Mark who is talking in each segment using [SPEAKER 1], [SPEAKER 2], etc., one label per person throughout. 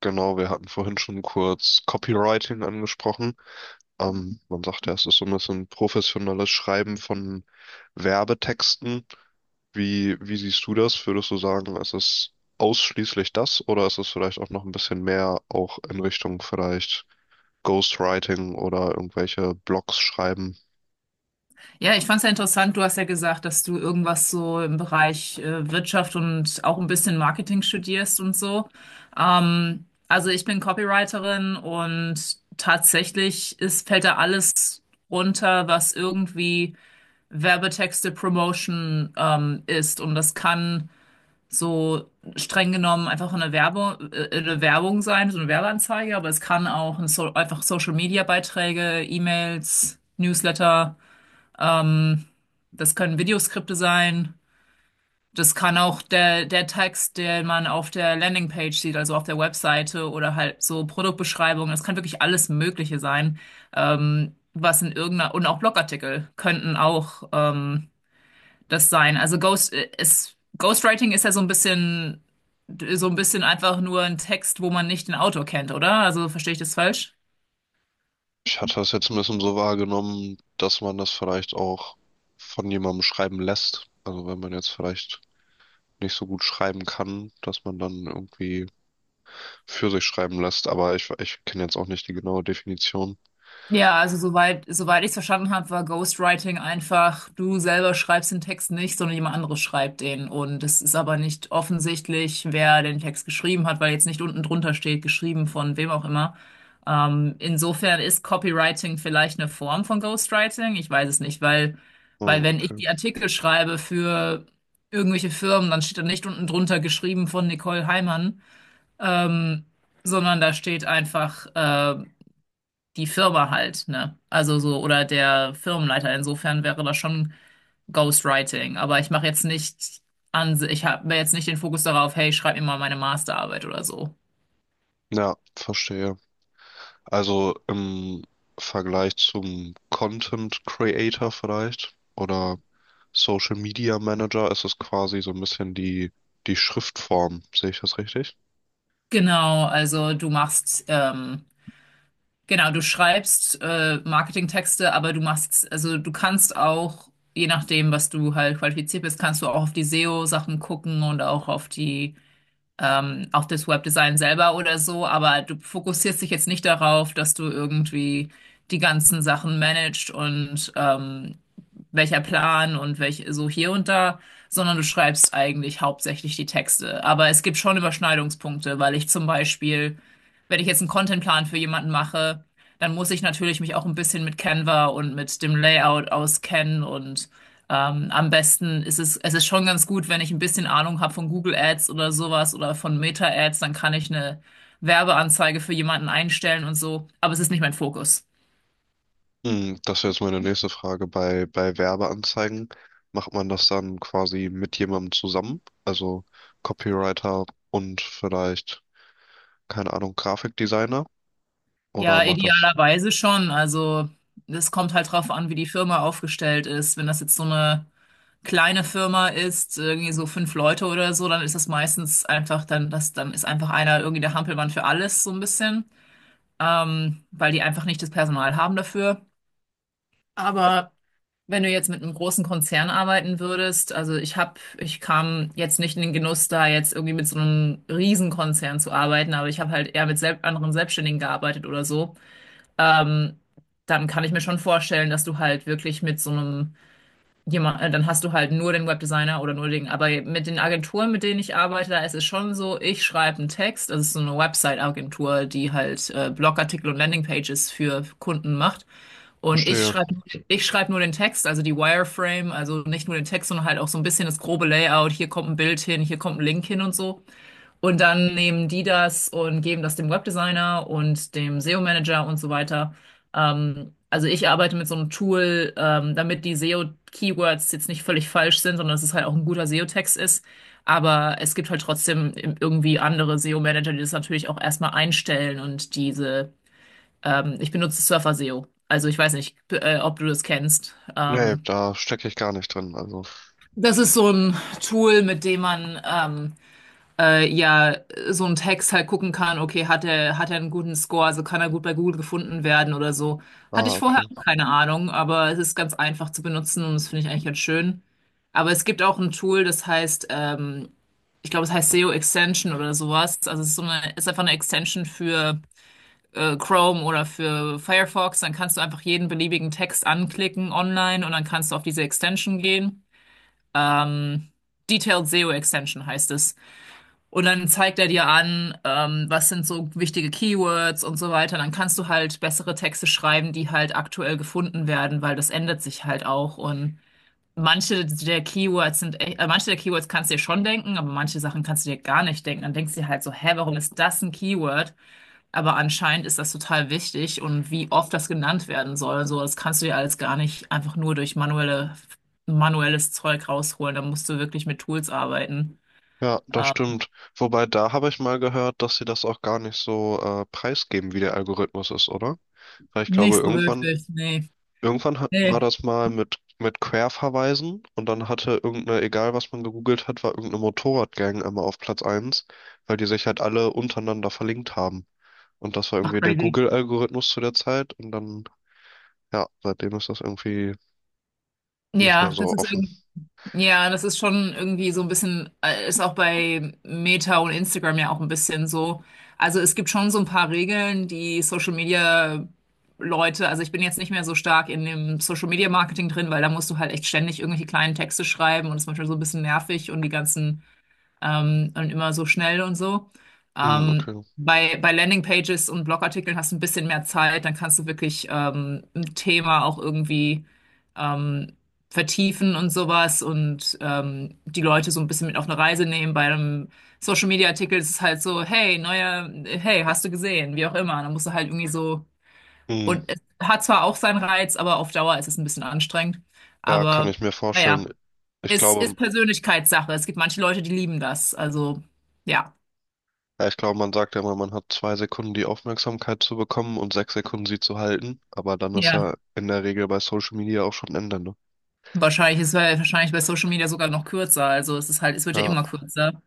[SPEAKER 1] Genau, wir hatten vorhin schon kurz Copywriting angesprochen. Man sagt ja, es ist so ein bisschen professionelles Schreiben von Werbetexten. Wie siehst du das? Würdest du sagen, ist es ausschließlich das oder ist es vielleicht auch noch ein bisschen mehr auch in Richtung vielleicht Ghostwriting oder irgendwelche Blogs schreiben?
[SPEAKER 2] Ja, ich fand es ja interessant. Du hast ja gesagt, dass du irgendwas so im Bereich Wirtschaft und auch ein bisschen Marketing studierst und so. Also ich bin Copywriterin und fällt da alles runter, was irgendwie Werbetexte Promotion ist. Und das kann so streng genommen einfach eine Werbung sein, so eine Werbeanzeige, aber es kann auch ein so einfach Social Media Beiträge, E-Mails, Newsletter. Ähm, Das können Videoskripte sein. Das kann auch der Text, den man auf der Landingpage sieht, also auf der Webseite oder halt so Produktbeschreibungen. Das kann wirklich alles Mögliche sein, was in irgendeiner, und auch Blogartikel könnten auch das sein. Also Ghostwriting ist ja so ein bisschen einfach nur ein Text, wo man nicht den Autor kennt, oder? Also verstehe ich das falsch?
[SPEAKER 1] Ich hatte das jetzt ein bisschen so wahrgenommen, dass man das vielleicht auch von jemandem schreiben lässt. Also wenn man jetzt vielleicht nicht so gut schreiben kann, dass man dann irgendwie für sich schreiben lässt, aber ich kenne jetzt auch nicht die genaue Definition.
[SPEAKER 2] Ja, also soweit ich es verstanden habe, war Ghostwriting einfach, du selber schreibst den Text nicht, sondern jemand anderes schreibt den. Und es ist aber nicht offensichtlich, wer den Text geschrieben hat, weil jetzt nicht unten drunter steht, geschrieben von wem auch immer. Insofern ist Copywriting vielleicht eine Form von Ghostwriting. Ich weiß es nicht, weil,
[SPEAKER 1] Ah,
[SPEAKER 2] weil wenn ich
[SPEAKER 1] okay.
[SPEAKER 2] die Artikel schreibe für irgendwelche Firmen, dann steht da nicht unten drunter geschrieben von Nicole Heimann, ähm, sondern da steht einfach die Firma halt, ne? Also so, oder der Firmenleiter. Insofern wäre das schon Ghostwriting. Aber ich mache jetzt nicht an, ich habe jetzt nicht den Fokus darauf, hey, schreib mir mal meine Masterarbeit oder so.
[SPEAKER 1] Ja, verstehe. Also im Vergleich zum Content Creator vielleicht oder Social Media Manager ist es quasi so ein bisschen die Schriftform. Sehe ich das richtig?
[SPEAKER 2] Genau, also genau, du schreibst Marketingtexte, aber also du kannst auch, je nachdem, was du halt qualifiziert bist, kannst du auch auf die SEO-Sachen gucken und auch auf die auf das Webdesign selber oder so, aber du fokussierst dich jetzt nicht darauf, dass du irgendwie die ganzen Sachen managst und welcher Plan und welch so hier und da, sondern du schreibst eigentlich hauptsächlich die Texte. Aber es gibt schon Überschneidungspunkte, weil ich zum Beispiel, wenn ich jetzt einen Contentplan für jemanden mache, dann muss ich natürlich mich auch ein bisschen mit Canva und mit dem Layout auskennen und am besten ist es, es ist schon ganz gut, wenn ich ein bisschen Ahnung habe von Google Ads oder sowas oder von Meta Ads, dann kann ich eine Werbeanzeige für jemanden einstellen und so, aber es ist nicht mein Fokus.
[SPEAKER 1] Hm. Das wäre jetzt meine nächste Frage. Bei Werbeanzeigen macht man das dann quasi mit jemandem zusammen? Also Copywriter und vielleicht, keine Ahnung, Grafikdesigner? Oder
[SPEAKER 2] Ja,
[SPEAKER 1] macht das?
[SPEAKER 2] idealerweise schon. Also es kommt halt drauf an, wie die Firma aufgestellt ist. Wenn das jetzt so eine kleine Firma ist, irgendwie so 5 Leute oder so, dann ist das meistens einfach dann ist einfach einer irgendwie der Hampelmann für alles so ein bisschen, weil die einfach nicht das Personal haben dafür. Aber wenn du jetzt mit einem großen Konzern arbeiten würdest, also ich kam jetzt nicht in den Genuss da, jetzt irgendwie mit so einem Riesenkonzern zu arbeiten, aber ich habe halt eher mit selb anderen Selbstständigen gearbeitet oder so ähm, dann kann ich mir schon vorstellen, dass du halt wirklich mit so einem dann hast du halt nur den Webdesigner oder nur den, aber mit den Agenturen, mit denen ich arbeite, da ist es schon so, ich schreibe einen Text, das ist so eine Website-Agentur, die halt Blogartikel und Landingpages für Kunden macht. Und
[SPEAKER 1] Verstehe.
[SPEAKER 2] ich schreibe nur den Text, also die Wireframe, also nicht nur den Text, sondern halt auch so ein bisschen das grobe Layout. Hier kommt ein Bild hin, hier kommt ein Link hin und so. Und dann nehmen die das und geben das dem Webdesigner und dem SEO-Manager und so weiter. Also ich arbeite mit so einem Tool, damit die SEO-Keywords jetzt nicht völlig falsch sind, sondern dass es halt auch ein guter SEO-Text ist. Aber es gibt halt trotzdem irgendwie andere SEO-Manager, die das natürlich auch erstmal einstellen und ich benutze Surfer SEO. Also ich weiß nicht, ob du das kennst.
[SPEAKER 1] Nee, da stecke ich gar nicht drin. Also,
[SPEAKER 2] Das ist so ein Tool, mit dem man ja so ein Text halt gucken kann, okay, hat er einen guten Score, also kann er gut bei Google gefunden werden oder so. Hatte
[SPEAKER 1] ah,
[SPEAKER 2] ich vorher
[SPEAKER 1] okay.
[SPEAKER 2] auch keine Ahnung, aber es ist ganz einfach zu benutzen und das finde ich eigentlich ganz schön. Aber es gibt auch ein Tool, ich glaube, es heißt SEO Extension oder sowas. Also es ist ist einfach eine Extension für Chrome oder für Firefox. Dann kannst du einfach jeden beliebigen Text anklicken online und dann kannst du auf diese Extension gehen. Ähm, Detailed SEO Extension heißt es. Und dann zeigt er dir an, was sind so wichtige Keywords und so weiter. Dann kannst du halt bessere Texte schreiben, die halt aktuell gefunden werden, weil das ändert sich halt auch. Und manche der Keywords kannst du dir schon denken, aber manche Sachen kannst du dir gar nicht denken. Dann denkst du dir halt so, hä, warum ist das ein Keyword? Aber anscheinend ist das total wichtig und wie oft das genannt werden soll und so, das kannst du dir alles gar nicht einfach nur durch manuelles Zeug rausholen. Da musst du wirklich mit Tools arbeiten.
[SPEAKER 1] Ja, das
[SPEAKER 2] Ähm,
[SPEAKER 1] stimmt. Wobei, da habe ich mal gehört, dass sie das auch gar nicht so preisgeben, wie der Algorithmus ist, oder? Weil ich glaube,
[SPEAKER 2] Nicht so
[SPEAKER 1] irgendwann
[SPEAKER 2] wirklich, nee.
[SPEAKER 1] Irgendwann war
[SPEAKER 2] Nee,
[SPEAKER 1] das mal mit Querverweisen und dann hatte irgendeine, egal was man gegoogelt hat, war irgendeine Motorradgang einmal auf Platz 1, weil die sich halt alle untereinander verlinkt haben. Und das war
[SPEAKER 2] ach
[SPEAKER 1] irgendwie der
[SPEAKER 2] crazy.
[SPEAKER 1] Google-Algorithmus zu der Zeit, und dann, ja, seitdem ist das irgendwie nicht mehr
[SPEAKER 2] Ja, das
[SPEAKER 1] so
[SPEAKER 2] ist
[SPEAKER 1] offen.
[SPEAKER 2] irgendwie, ja, das ist schon irgendwie so ein bisschen, ist auch bei Meta und Instagram ja auch ein bisschen so. Also es gibt schon so ein paar Regeln, die Social Media Leute, also ich bin jetzt nicht mehr so stark in dem Social Media Marketing drin, weil da musst du halt echt ständig irgendwelche kleinen Texte schreiben und es ist manchmal so ein bisschen nervig und die ganzen und immer so schnell und so.
[SPEAKER 1] Hm,
[SPEAKER 2] Ähm,
[SPEAKER 1] okay.
[SPEAKER 2] bei Landingpages und Blogartikeln hast du ein bisschen mehr Zeit, dann kannst du wirklich ein Thema auch irgendwie ähm, vertiefen und sowas und die Leute so ein bisschen mit auf eine Reise nehmen. Bei einem Social-Media-Artikel ist es halt so, hey, neuer, hey, hast du gesehen, wie auch immer. Dann musst du halt irgendwie so,
[SPEAKER 1] Hm,
[SPEAKER 2] und es hat zwar auch seinen Reiz, aber auf Dauer ist es ein bisschen anstrengend.
[SPEAKER 1] ja, kann
[SPEAKER 2] Aber
[SPEAKER 1] ich mir vorstellen.
[SPEAKER 2] naja.
[SPEAKER 1] Ich glaube,
[SPEAKER 2] Ist Persönlichkeitssache. Es gibt manche Leute, die lieben das. Also, ja.
[SPEAKER 1] Ja, ich glaube, man sagt ja immer, man hat 2 Sekunden die Aufmerksamkeit zu bekommen und 6 Sekunden sie zu halten. Aber dann ist
[SPEAKER 2] Ja.
[SPEAKER 1] ja in der Regel bei Social Media auch schon Ende, ne?
[SPEAKER 2] Wahrscheinlich ist es wahrscheinlich bei Social Media sogar noch kürzer. Also es ist halt, es wird ja
[SPEAKER 1] Ja,
[SPEAKER 2] immer kürzer.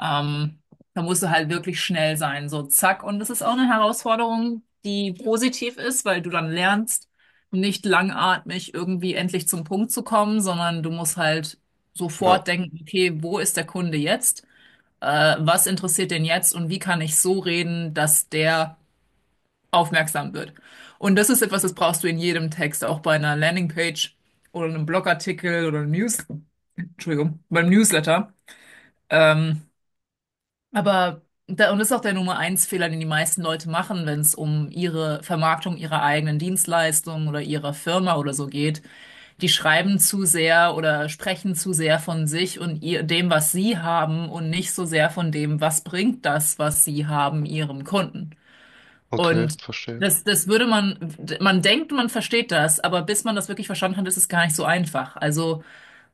[SPEAKER 2] Ähm, Da musst du halt wirklich schnell sein. So, zack. Und das ist auch eine Herausforderung, die positiv ist, weil du dann lernst, nicht langatmig irgendwie endlich zum Punkt zu kommen, sondern du musst halt
[SPEAKER 1] ja,
[SPEAKER 2] sofort denken, okay, wo ist der Kunde jetzt? Was interessiert den jetzt und wie kann ich so reden, dass der aufmerksam wird. Und das ist etwas, das brauchst du in jedem Text, auch bei einer Landingpage oder einem Blogartikel oder Entschuldigung, beim Newsletter. Ähm, aber da, und das ist auch der Nummer eins Fehler, den die meisten Leute machen, wenn es um ihre Vermarktung ihrer eigenen Dienstleistung oder ihrer Firma oder so geht. Die schreiben zu sehr oder sprechen zu sehr von sich und ihr, dem, was sie haben und nicht so sehr von dem, was bringt das, was sie haben, ihrem Kunden.
[SPEAKER 1] okay,
[SPEAKER 2] Und
[SPEAKER 1] verstehe.
[SPEAKER 2] das, das würde man, man denkt, man versteht das, aber bis man das wirklich verstanden hat, ist es gar nicht so einfach. Also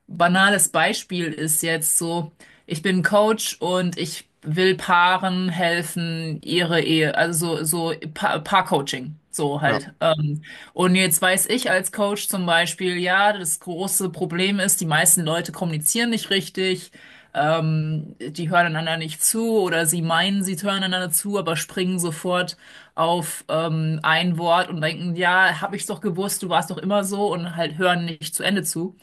[SPEAKER 2] banales Beispiel ist jetzt so, ich bin Coach und ich will Paaren helfen, ihre Ehe, Paar-Coaching, so
[SPEAKER 1] Ja,
[SPEAKER 2] halt. Und jetzt weiß ich als Coach zum Beispiel, ja, das große Problem ist, die meisten Leute kommunizieren nicht richtig. Die hören einander nicht zu oder sie meinen, sie hören einander zu, aber springen sofort auf ein Wort und denken, ja, hab ich's doch gewusst, du warst doch immer so und halt hören nicht zu Ende zu.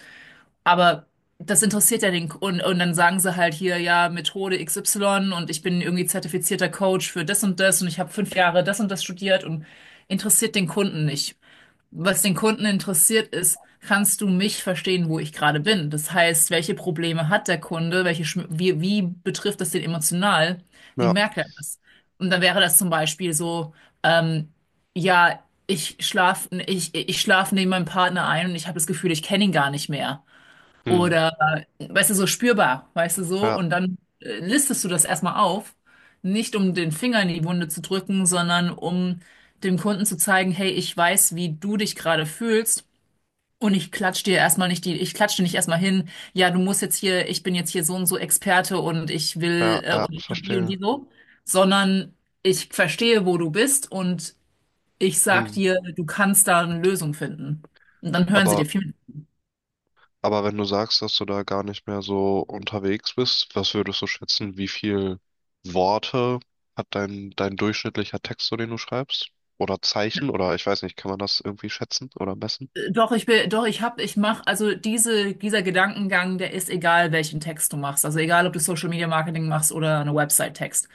[SPEAKER 2] Aber das interessiert ja und dann sagen sie halt hier, ja, Methode XY und ich bin irgendwie zertifizierter Coach für das und das und ich habe 5 Jahre das und das studiert und interessiert den Kunden nicht. Was den Kunden interessiert ist, kannst du mich verstehen, wo ich gerade bin? Das heißt, welche Probleme hat der Kunde? Wie betrifft das den emotional? Wie
[SPEAKER 1] ja,
[SPEAKER 2] merkt er das? Und dann wäre das zum Beispiel so, ähm, ja, ich schlaf neben meinem Partner ein und ich habe das Gefühl, ich kenne ihn gar nicht mehr.
[SPEAKER 1] mhm.
[SPEAKER 2] Oder, weißt du, so spürbar, weißt du, so.
[SPEAKER 1] Ja,
[SPEAKER 2] Und dann listest du das erstmal auf. Nicht um den Finger in die Wunde zu drücken, sondern um dem Kunden zu zeigen, hey, ich weiß, wie du dich gerade fühlst. Und ich klatsch dir nicht erstmal hin, ja, du musst jetzt hier, ich bin jetzt hier so und so Experte und
[SPEAKER 1] ja, ja,
[SPEAKER 2] und ich hab die und
[SPEAKER 1] verstehe.
[SPEAKER 2] die so, sondern ich verstehe, wo du bist und ich sag
[SPEAKER 1] Mhm.
[SPEAKER 2] dir, du kannst da eine Lösung finden. Und dann hören sie dir
[SPEAKER 1] Aber,
[SPEAKER 2] viel
[SPEAKER 1] aber wenn du sagst, dass du da gar nicht mehr so unterwegs bist, was würdest du schätzen, wie viel Worte hat dein durchschnittlicher Text, so den du schreibst? Oder Zeichen? Oder ich weiß nicht, kann man das irgendwie schätzen oder messen?
[SPEAKER 2] Doch, doch, ich hab, ich mach, also dieser Gedankengang, der ist egal, welchen Text du machst. Also egal, ob du Social Media Marketing machst oder eine Website-Text.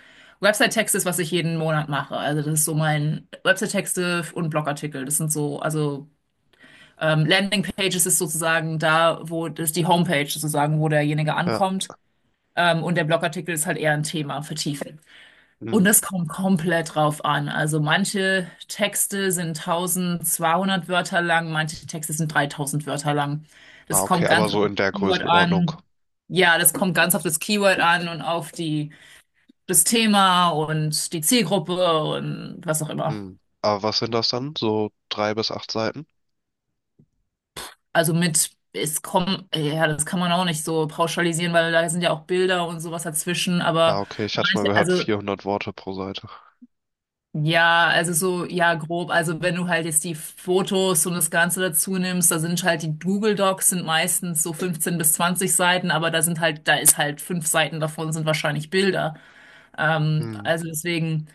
[SPEAKER 2] Website-Text ist, was ich jeden Monat mache. Also das ist so mein Website-Texte und Blogartikel. Das sind so, also Landing-Pages ist sozusagen da, wo das ist die Homepage sozusagen, wo derjenige
[SPEAKER 1] Ja.
[SPEAKER 2] ankommt. Und der Blogartikel ist halt eher ein Thema vertieft. Und das kommt komplett drauf an. Also manche Texte sind 1200 Wörter lang, manche Texte sind 3000 Wörter lang.
[SPEAKER 1] Ah,
[SPEAKER 2] Das
[SPEAKER 1] okay,
[SPEAKER 2] kommt
[SPEAKER 1] aber
[SPEAKER 2] ganz auf
[SPEAKER 1] so
[SPEAKER 2] das
[SPEAKER 1] in der
[SPEAKER 2] Keyword
[SPEAKER 1] Größenordnung.
[SPEAKER 2] an. Ja, das kommt ganz auf das Keyword an und das Thema und die Zielgruppe und was auch immer.
[SPEAKER 1] Hm. Aber was sind das dann? So 3 bis 8 Seiten?
[SPEAKER 2] Ja, das kann man auch nicht so pauschalisieren, weil da sind ja auch Bilder und sowas dazwischen,
[SPEAKER 1] Ah,
[SPEAKER 2] aber
[SPEAKER 1] okay, ich hatte mal gehört,
[SPEAKER 2] also
[SPEAKER 1] 400 Worte pro Seite.
[SPEAKER 2] ja, also so, ja, grob. Also wenn du halt jetzt die Fotos und das Ganze dazu nimmst, da sind halt die Google Docs sind meistens so 15 bis 20 Seiten, aber da ist halt 5 Seiten davon sind wahrscheinlich Bilder. Ähm,
[SPEAKER 1] Hm.
[SPEAKER 2] also deswegen,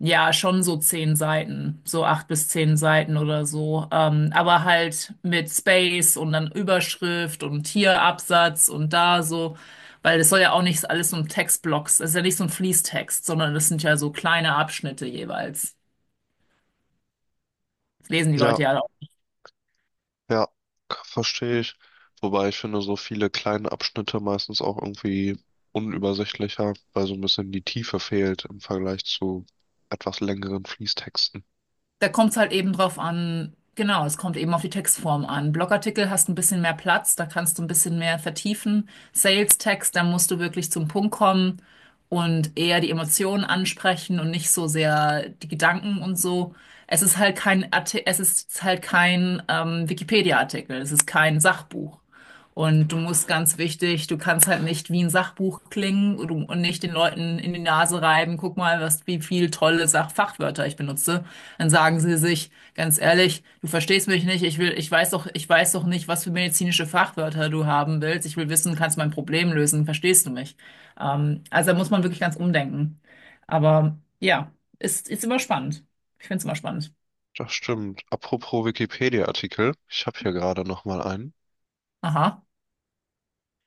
[SPEAKER 2] ja, schon so 10 Seiten, so 8 bis 10 Seiten oder so. Aber halt mit Space und dann Überschrift und hier Absatz und da so. Weil das soll ja auch nicht alles so ein Textblock. Das ist ja nicht so ein Fließtext, sondern das sind ja so kleine Abschnitte jeweils. Das lesen die Leute
[SPEAKER 1] Ja.
[SPEAKER 2] ja.
[SPEAKER 1] Ja, verstehe ich. Wobei ich finde, so viele kleine Abschnitte meistens auch irgendwie unübersichtlicher, weil so ein bisschen die Tiefe fehlt im Vergleich zu etwas längeren Fließtexten.
[SPEAKER 2] Da kommt es halt eben drauf an, genau, es kommt eben auf die Textform an. Blogartikel hast ein bisschen mehr Platz, da kannst du ein bisschen mehr vertiefen. Sales-Text, da musst du wirklich zum Punkt kommen und eher die Emotionen ansprechen und nicht so sehr die Gedanken und so. Es ist halt kein Wikipedia-Artikel, es ist kein Sachbuch. Und du musst ganz wichtig, du kannst halt nicht wie ein Sachbuch klingen und nicht den Leuten in die Nase reiben, guck mal, was, wie viel tolle Sach Fachwörter ich benutze, dann sagen sie sich, ganz ehrlich, du verstehst mich nicht, ich weiß doch nicht, was für medizinische Fachwörter du haben willst. Ich will wissen, kannst du mein Problem lösen, verstehst du mich? Also da muss man wirklich ganz umdenken. Aber ja, ist immer spannend. Ich finde es immer spannend.
[SPEAKER 1] Das stimmt. Apropos Wikipedia-Artikel, ich habe hier gerade noch mal einen.
[SPEAKER 2] Aha.